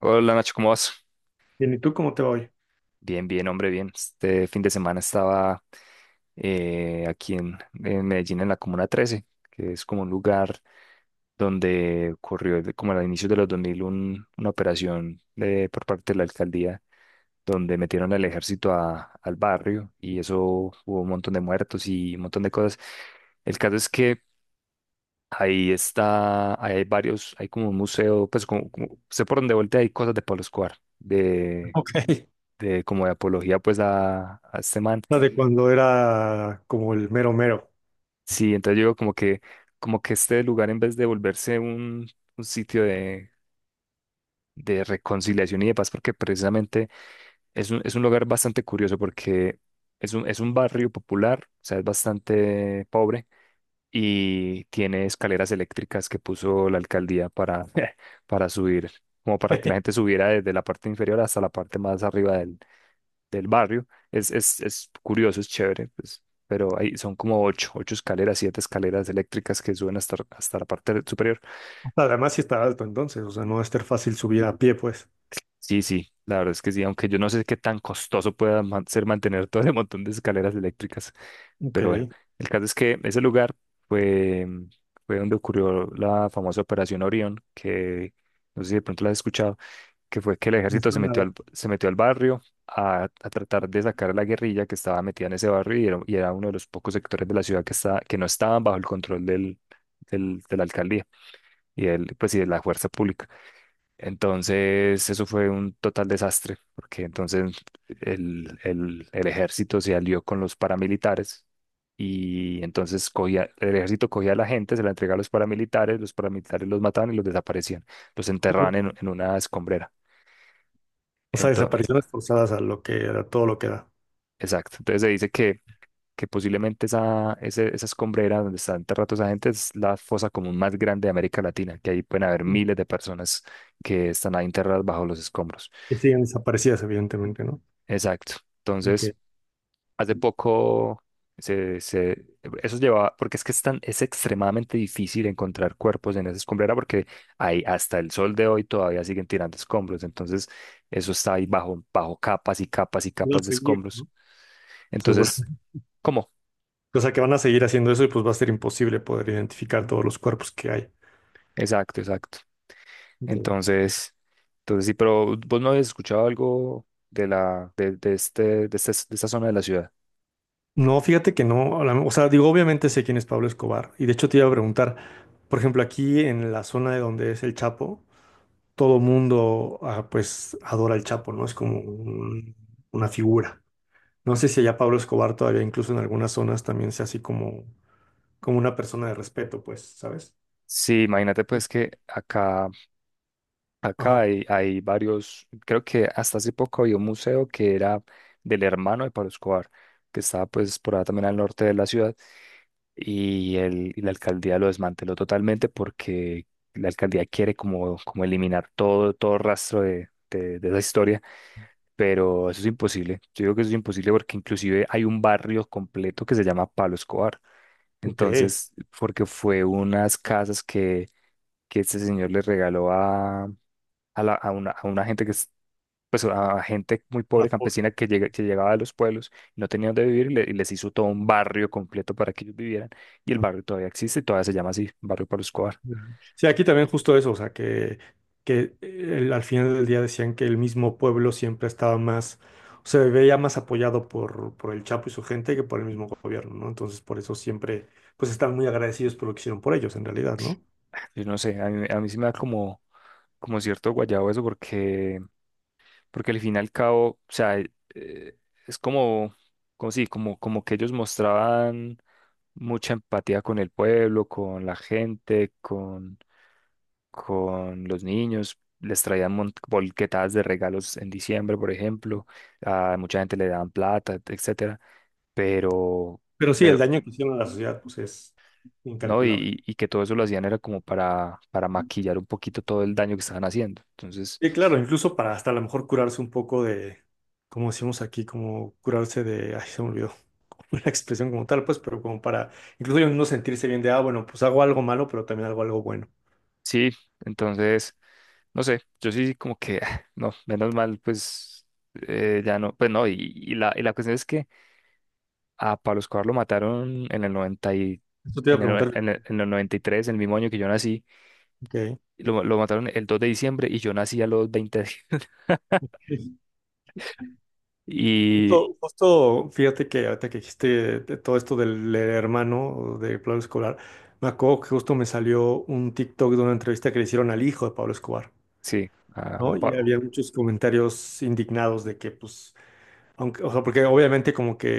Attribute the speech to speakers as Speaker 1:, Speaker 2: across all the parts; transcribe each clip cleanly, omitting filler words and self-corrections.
Speaker 1: Hola Nacho, ¿cómo vas?
Speaker 2: Bien, ¿y tú cómo te va hoy?
Speaker 1: Bien, bien, hombre, bien. Este fin de semana estaba aquí en Medellín, en la Comuna 13, que es como un lugar donde ocurrió como a inicios de los 2000 una operación por parte de la alcaldía, donde metieron al ejército al barrio y eso hubo un montón de muertos y un montón de cosas. El caso es que ahí está, ahí hay varios, hay como un museo, pues sé por dónde voltea, hay cosas de Pablo Escobar,
Speaker 2: Ok.
Speaker 1: de como de apología pues a este man.
Speaker 2: La de cuando era como el mero mero.
Speaker 1: Sí, entonces yo digo como que este lugar en vez de volverse un sitio de reconciliación y de paz, porque precisamente es un lugar bastante curioso porque es un barrio popular, o sea, es bastante pobre y tiene escaleras eléctricas que puso la alcaldía para, para subir, como para que la gente subiera desde la parte inferior hasta la parte más arriba del barrio. Es curioso, es chévere, pues, pero ahí son como ocho, ocho escaleras, siete escaleras eléctricas que suben hasta la parte superior.
Speaker 2: Además, sí está alto entonces, o sea, no va a estar fácil subir a pie, pues.
Speaker 1: Sí, sí, la verdad es que sí, aunque yo no sé qué tan costoso pueda ser mantener todo ese montón de escaleras eléctricas,
Speaker 2: Ok.
Speaker 1: pero bueno,
Speaker 2: Me
Speaker 1: el caso es que ese lugar fue, fue donde ocurrió la famosa Operación Orión, que no sé si de pronto la has escuchado, que fue que el ejército
Speaker 2: suena.
Speaker 1: se metió al barrio a tratar de sacar a la guerrilla que estaba metida en ese barrio y era uno de los pocos sectores de la ciudad que, está que no estaban bajo el control de la alcaldía y, y de la fuerza pública. Entonces, eso fue un total desastre, porque entonces el ejército se alió con los paramilitares. Y entonces el ejército cogía a la gente, se la entregaba a los paramilitares, los paramilitares los mataban y los desaparecían, los enterraban en una escombrera.
Speaker 2: O sea, desapariciones forzadas a lo que a todo lo que da.
Speaker 1: Exacto. Entonces se dice que posiblemente esa escombrera donde está enterrado esa gente es la fosa común más grande de América Latina, que ahí pueden haber miles de personas que están ahí enterradas bajo los escombros.
Speaker 2: Que siguen desaparecidas, evidentemente, ¿no?
Speaker 1: Exacto. Entonces,
Speaker 2: Aunque
Speaker 1: hace poco se, se- eso llevaba, porque es que es extremadamente difícil encontrar cuerpos en esa escombrera porque ahí hasta el sol de hoy todavía siguen tirando escombros. Entonces, eso está ahí bajo capas y capas y
Speaker 2: van
Speaker 1: capas
Speaker 2: a
Speaker 1: de
Speaker 2: seguir,
Speaker 1: escombros.
Speaker 2: ¿no? Seguro.
Speaker 1: Entonces, ¿cómo?
Speaker 2: O sea, que van a seguir haciendo eso y pues va a ser imposible poder identificar todos los cuerpos que hay.
Speaker 1: Exacto, exacto.
Speaker 2: Ok.
Speaker 1: Entonces, entonces sí, pero vos no habías escuchado algo de la, de este, de este- de esta zona de la ciudad.
Speaker 2: No, fíjate que no, a la- o sea, digo, obviamente sé quién es Pablo Escobar, y de hecho te iba a preguntar, por ejemplo, aquí en la zona de donde es el Chapo, todo mundo, ah, pues, adora al Chapo, ¿no? Es como un- una figura. No sé si allá Pablo Escobar todavía, incluso en algunas zonas, también sea así como, como una persona de respeto, pues, ¿sabes?
Speaker 1: Sí, imagínate pues que
Speaker 2: Ajá,
Speaker 1: acá hay varios, creo que hasta hace poco había un museo que era del hermano de Pablo Escobar, que estaba pues por allá también al norte de la ciudad, y la alcaldía lo desmanteló totalmente porque la alcaldía quiere como eliminar todo rastro de esa historia. Pero eso es imposible. Yo digo que eso es imposible porque inclusive hay un barrio completo que se llama Pablo Escobar.
Speaker 2: ok.
Speaker 1: Entonces, porque fue unas casas que este señor le regaló a una gente que es, pues a gente muy pobre campesina que, que llegaba de los pueblos y no tenía dónde vivir y, y les hizo todo un barrio completo para que ellos vivieran. Y el barrio todavía existe, todavía se llama así, Barrio Pablo Escobar.
Speaker 2: Ujú. Sí, aquí también justo eso, o sea, que al final del día decían que el mismo pueblo siempre estaba más, se veía más apoyado por el Chapo y su gente que por el mismo gobierno, ¿no? Entonces, por eso siempre, pues están muy agradecidos por lo que hicieron por ellos, en realidad, ¿no?
Speaker 1: Yo no sé, a mí sí me da como cierto guayabo eso porque al fin y al cabo, o sea, es como sí, como que ellos mostraban mucha empatía con el pueblo, con la gente, con los niños. Les traían mont bolquetadas de regalos en diciembre, por ejemplo. A mucha gente le daban plata, etcétera. Pero,
Speaker 2: Pero sí, el
Speaker 1: pero,
Speaker 2: daño que hicieron a la sociedad, pues es
Speaker 1: no,
Speaker 2: incalculable.
Speaker 1: y que todo eso lo hacían era como para maquillar un poquito todo el daño que estaban haciendo. Entonces,
Speaker 2: Sí, claro, incluso para hasta a lo mejor curarse un poco de, como decimos aquí, como curarse de, ay, se me olvidó la expresión como tal, pues, pero como para incluso ellos no sentirse bien de, ah, bueno, pues hago algo malo, pero también hago algo bueno.
Speaker 1: sí, entonces, no sé, yo sí como que, ah, no, menos mal, pues ya no, pues no, y la cuestión es que a Pablo Escobar lo mataron en el 90 y,
Speaker 2: Eso te iba a
Speaker 1: en el, noven-
Speaker 2: preguntar.
Speaker 1: en el 93, en el mismo año que yo nací,
Speaker 2: Ok.
Speaker 1: lo mataron el 2 de diciembre y yo nací a los 20 Y
Speaker 2: Justo, justo, fíjate que ahorita que dijiste de todo esto del hermano de Pablo Escobar, me acuerdo que justo me salió un TikTok de una entrevista que le hicieron al hijo de Pablo Escobar,
Speaker 1: sí, a
Speaker 2: ¿no?
Speaker 1: Juan
Speaker 2: Y
Speaker 1: Pablo,
Speaker 2: había muchos comentarios indignados de que, pues, aunque, o sea, porque obviamente como que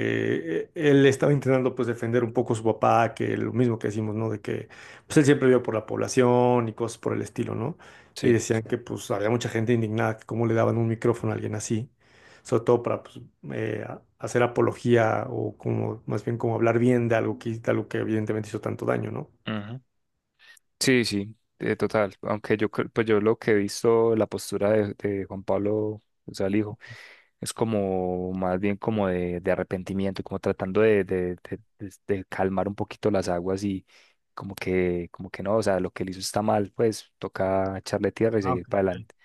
Speaker 2: él estaba intentando pues defender un poco a su papá, que lo mismo que decimos, ¿no? De que pues él siempre vio por la población y cosas por el estilo, ¿no? Y
Speaker 1: sí.
Speaker 2: decían que pues había mucha gente indignada, que cómo le daban un micrófono a alguien así, sobre todo para pues, a- hacer apología o como más bien como hablar bien de algo que evidentemente hizo tanto daño, ¿no?
Speaker 1: Ujú. Sí, sí, total, aunque pues yo lo que he visto, la postura de Juan Pablo, o sea, el hijo. Es como más bien como de arrepentimiento, como tratando de calmar un poquito las aguas y como que no, o sea, lo que él hizo está mal, pues toca echarle tierra y seguir para adelante.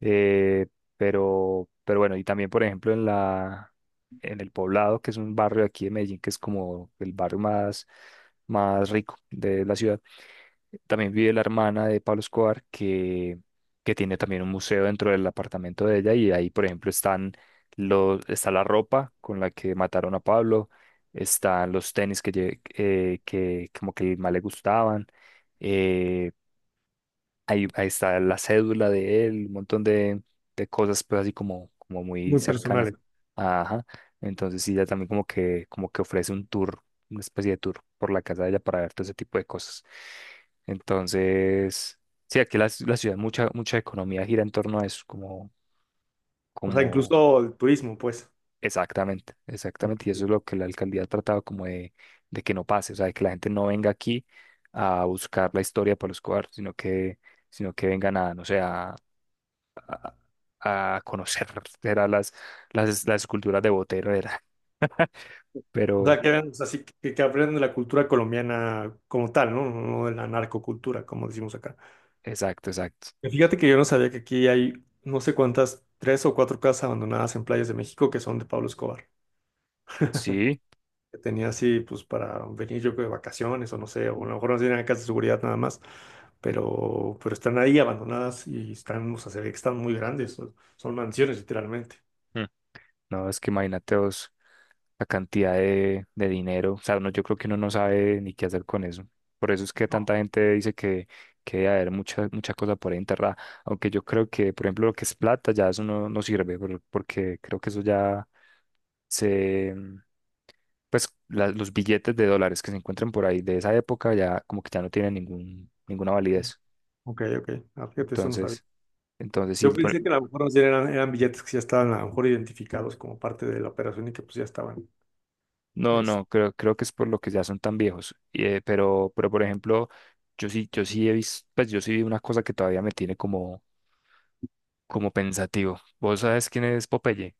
Speaker 1: Eh, pero, bueno, y también por ejemplo en el Poblado, que es un barrio aquí de Medellín, que es como el barrio más rico de la ciudad. También vive la hermana de Pablo Escobar que tiene también un museo dentro del apartamento de ella y ahí, por ejemplo, está la ropa con la que mataron a Pablo, están los tenis que, que como que más le gustaban, eh, ahí, está la cédula de él, un montón de cosas, pues así como muy
Speaker 2: Muy
Speaker 1: cercanas.
Speaker 2: personales.
Speaker 1: Ajá. Entonces sí, ella también como que ofrece un tour, una especie de tour por la casa de ella para ver todo ese tipo de cosas. Entonces, sí, aquí la ciudad, mucha economía gira en torno a eso,
Speaker 2: O sea,
Speaker 1: como
Speaker 2: incluso el turismo, pues.
Speaker 1: exactamente,
Speaker 2: Ok.
Speaker 1: exactamente. Y eso es lo que la alcaldía ha tratado como de que no pase, o sea, de que la gente no venga aquí a buscar la historia para los cuartos, sino que vengan a, no sé, a, a conocer, era las esculturas de Botero, era.
Speaker 2: O sea,
Speaker 1: Pero,
Speaker 2: que vean, o sea, sí que aprendan de la cultura colombiana como tal, ¿no? No de la narcocultura, como decimos acá.
Speaker 1: exacto, exacto.
Speaker 2: Y fíjate que yo no sabía que aquí hay no sé cuántas, tres o cuatro casas abandonadas en playas de México que son de Pablo Escobar.
Speaker 1: Sí,
Speaker 2: Que tenía así, pues, para venir yo creo de vacaciones o no sé, o a lo mejor no tienen acá de seguridad nada más, pero están ahí abandonadas y están, o sea, se ve que están muy grandes, son, son mansiones literalmente.
Speaker 1: mm, no, es que imagínate vos la cantidad de dinero. O sea, uno, yo creo que uno no sabe ni qué hacer con eso. Por eso es que tanta gente dice que debe haber mucha cosa por ahí enterrada. Aunque yo creo que, por ejemplo, lo que es plata, ya eso no sirve, porque creo que eso ya se, pues los billetes de dólares que se encuentran por ahí de esa época ya como que ya no tienen ningún, ninguna validez.
Speaker 2: Ok, ok. Ah, fíjate, eso no sabía.
Speaker 1: Entonces, sí,
Speaker 2: Yo pensé que a lo mejor más bien eran, eran billetes que ya estaban a lo mejor identificados como parte de la operación y que pues ya estaban.
Speaker 1: no,
Speaker 2: Este,
Speaker 1: no, creo que es por lo que ya son tan viejos. Y, pero, por ejemplo, yo sí he visto, pues yo sí vi una cosa que todavía me tiene como pensativo. ¿Vos sabes quién es Popeye?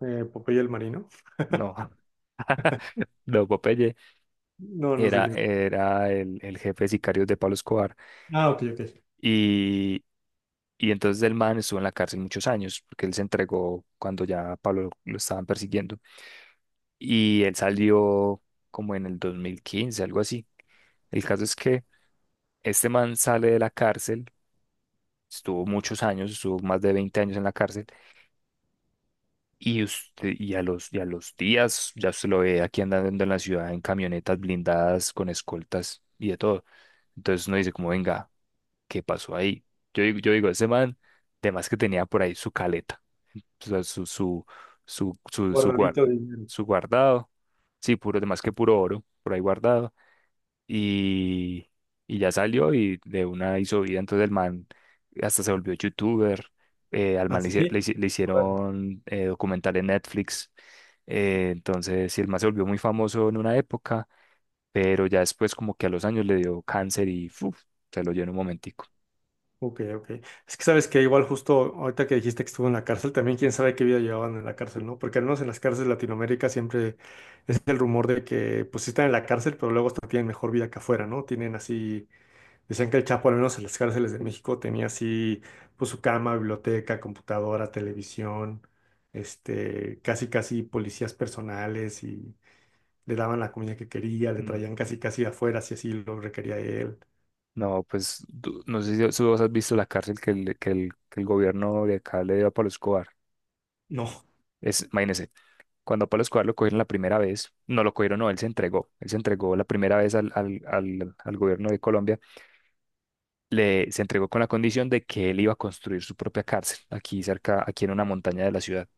Speaker 2: Popeye el Marino.
Speaker 1: No. No, Popeye
Speaker 2: No, no sé quién es.
Speaker 1: era el jefe de sicarios de Pablo Escobar.
Speaker 2: Ah, ok, ok.
Speaker 1: Y entonces el man estuvo en la cárcel muchos años, porque él se entregó cuando ya a Pablo lo estaban persiguiendo. Y él salió como en el 2015, algo así. El caso es que este man sale de la cárcel, estuvo muchos años, estuvo más de 20 años en la cárcel, y a los días ya se lo ve aquí andando en la ciudad en camionetas blindadas, con escoltas y de todo. Entonces uno dice como, venga, ¿qué pasó ahí? Yo digo, ese man, además que tenía por ahí su caleta. O sea, su, su, su, guar-
Speaker 2: Guardadito de dinero.
Speaker 1: su guardado. Sí, puro, más que puro oro, por ahí guardado. Y, y ya salió y de una hizo vida. Entonces el man hasta se volvió youtuber. Al man
Speaker 2: Así.
Speaker 1: le
Speaker 2: Órale.
Speaker 1: hicieron documental en Netflix. Sí, el man se volvió muy famoso en una época, pero ya después como que a los años le dio cáncer y ¡fuf! Se lo dio en un momentico.
Speaker 2: Ok, ok. Es que sabes que igual justo ahorita que dijiste que estuvo en la cárcel, también quién sabe qué vida llevaban en la cárcel, ¿no? Porque al menos en las cárceles de Latinoamérica siempre es el rumor de que pues sí están en la cárcel, pero luego hasta tienen mejor vida que afuera, ¿no? Tienen así decían que el Chapo, al menos en las cárceles de México, tenía así, pues su cama, biblioteca, computadora, televisión, este, casi casi policías personales y le daban la comida que quería, le traían casi casi de afuera si así lo requería él.
Speaker 1: No, pues no sé si vos has visto la cárcel que el gobierno de acá le dio a Pablo Escobar.
Speaker 2: No.
Speaker 1: Imagínese, cuando a Pablo Escobar lo cogieron la primera vez, no lo cogieron, no, él se entregó, la primera vez al gobierno de Colombia, se entregó con la condición de que él iba a construir su propia cárcel aquí cerca, aquí en una montaña de la ciudad.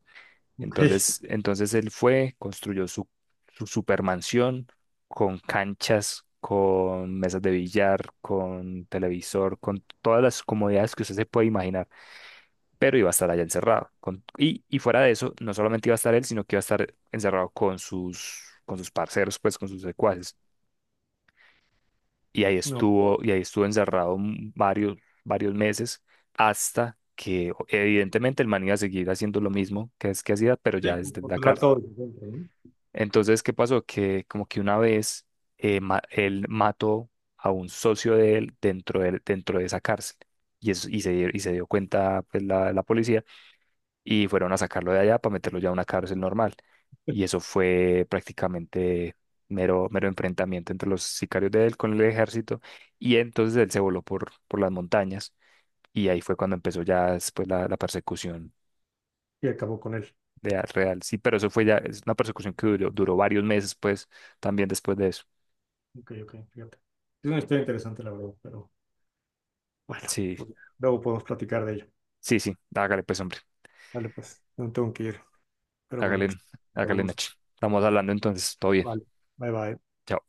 Speaker 2: Ok.
Speaker 1: Entonces, él construyó su supermansión con canchas, con mesas de billar, con televisor, con todas las comodidades que usted se puede imaginar, pero iba a estar allá encerrado. Y fuera de eso, no solamente iba a estar él, sino que iba a estar encerrado con sus parceros, pues con sus secuaces. Y ahí
Speaker 2: No.
Speaker 1: estuvo, y ahí estuvo encerrado varios meses hasta que evidentemente el man iba a seguir haciendo lo mismo que es que hacía, pero ya
Speaker 2: Sí, como
Speaker 1: desde la
Speaker 2: controlar no
Speaker 1: cárcel.
Speaker 2: todo desde dentro, ¿no?
Speaker 1: Entonces, ¿qué pasó? Que como que una vez él mató a un socio de él dentro dentro de esa cárcel. Y se dio cuenta pues, la policía y fueron a sacarlo de allá para meterlo ya a una cárcel normal. Y eso fue prácticamente mero, mero enfrentamiento entre los sicarios de él con el ejército. Y entonces él se voló por las montañas y ahí fue cuando empezó ya después la persecución
Speaker 2: Y acabó con él.
Speaker 1: de, real. Sí, pero eso fue ya, es una persecución que duró varios meses, pues, también después de eso.
Speaker 2: Ok, ok, fíjate. Es una historia interesante, la verdad, pero bueno,
Speaker 1: Sí,
Speaker 2: pues, luego podemos platicar de ello.
Speaker 1: sí, sí. Hágale pues, hombre.
Speaker 2: Vale, pues, no tengo que ir, pero bueno, que
Speaker 1: Hágale,
Speaker 2: te mando
Speaker 1: hágale,
Speaker 2: un saludo.
Speaker 1: Nachi. Estamos hablando entonces. Todo bien.
Speaker 2: Vale. Bye bye.
Speaker 1: Chao.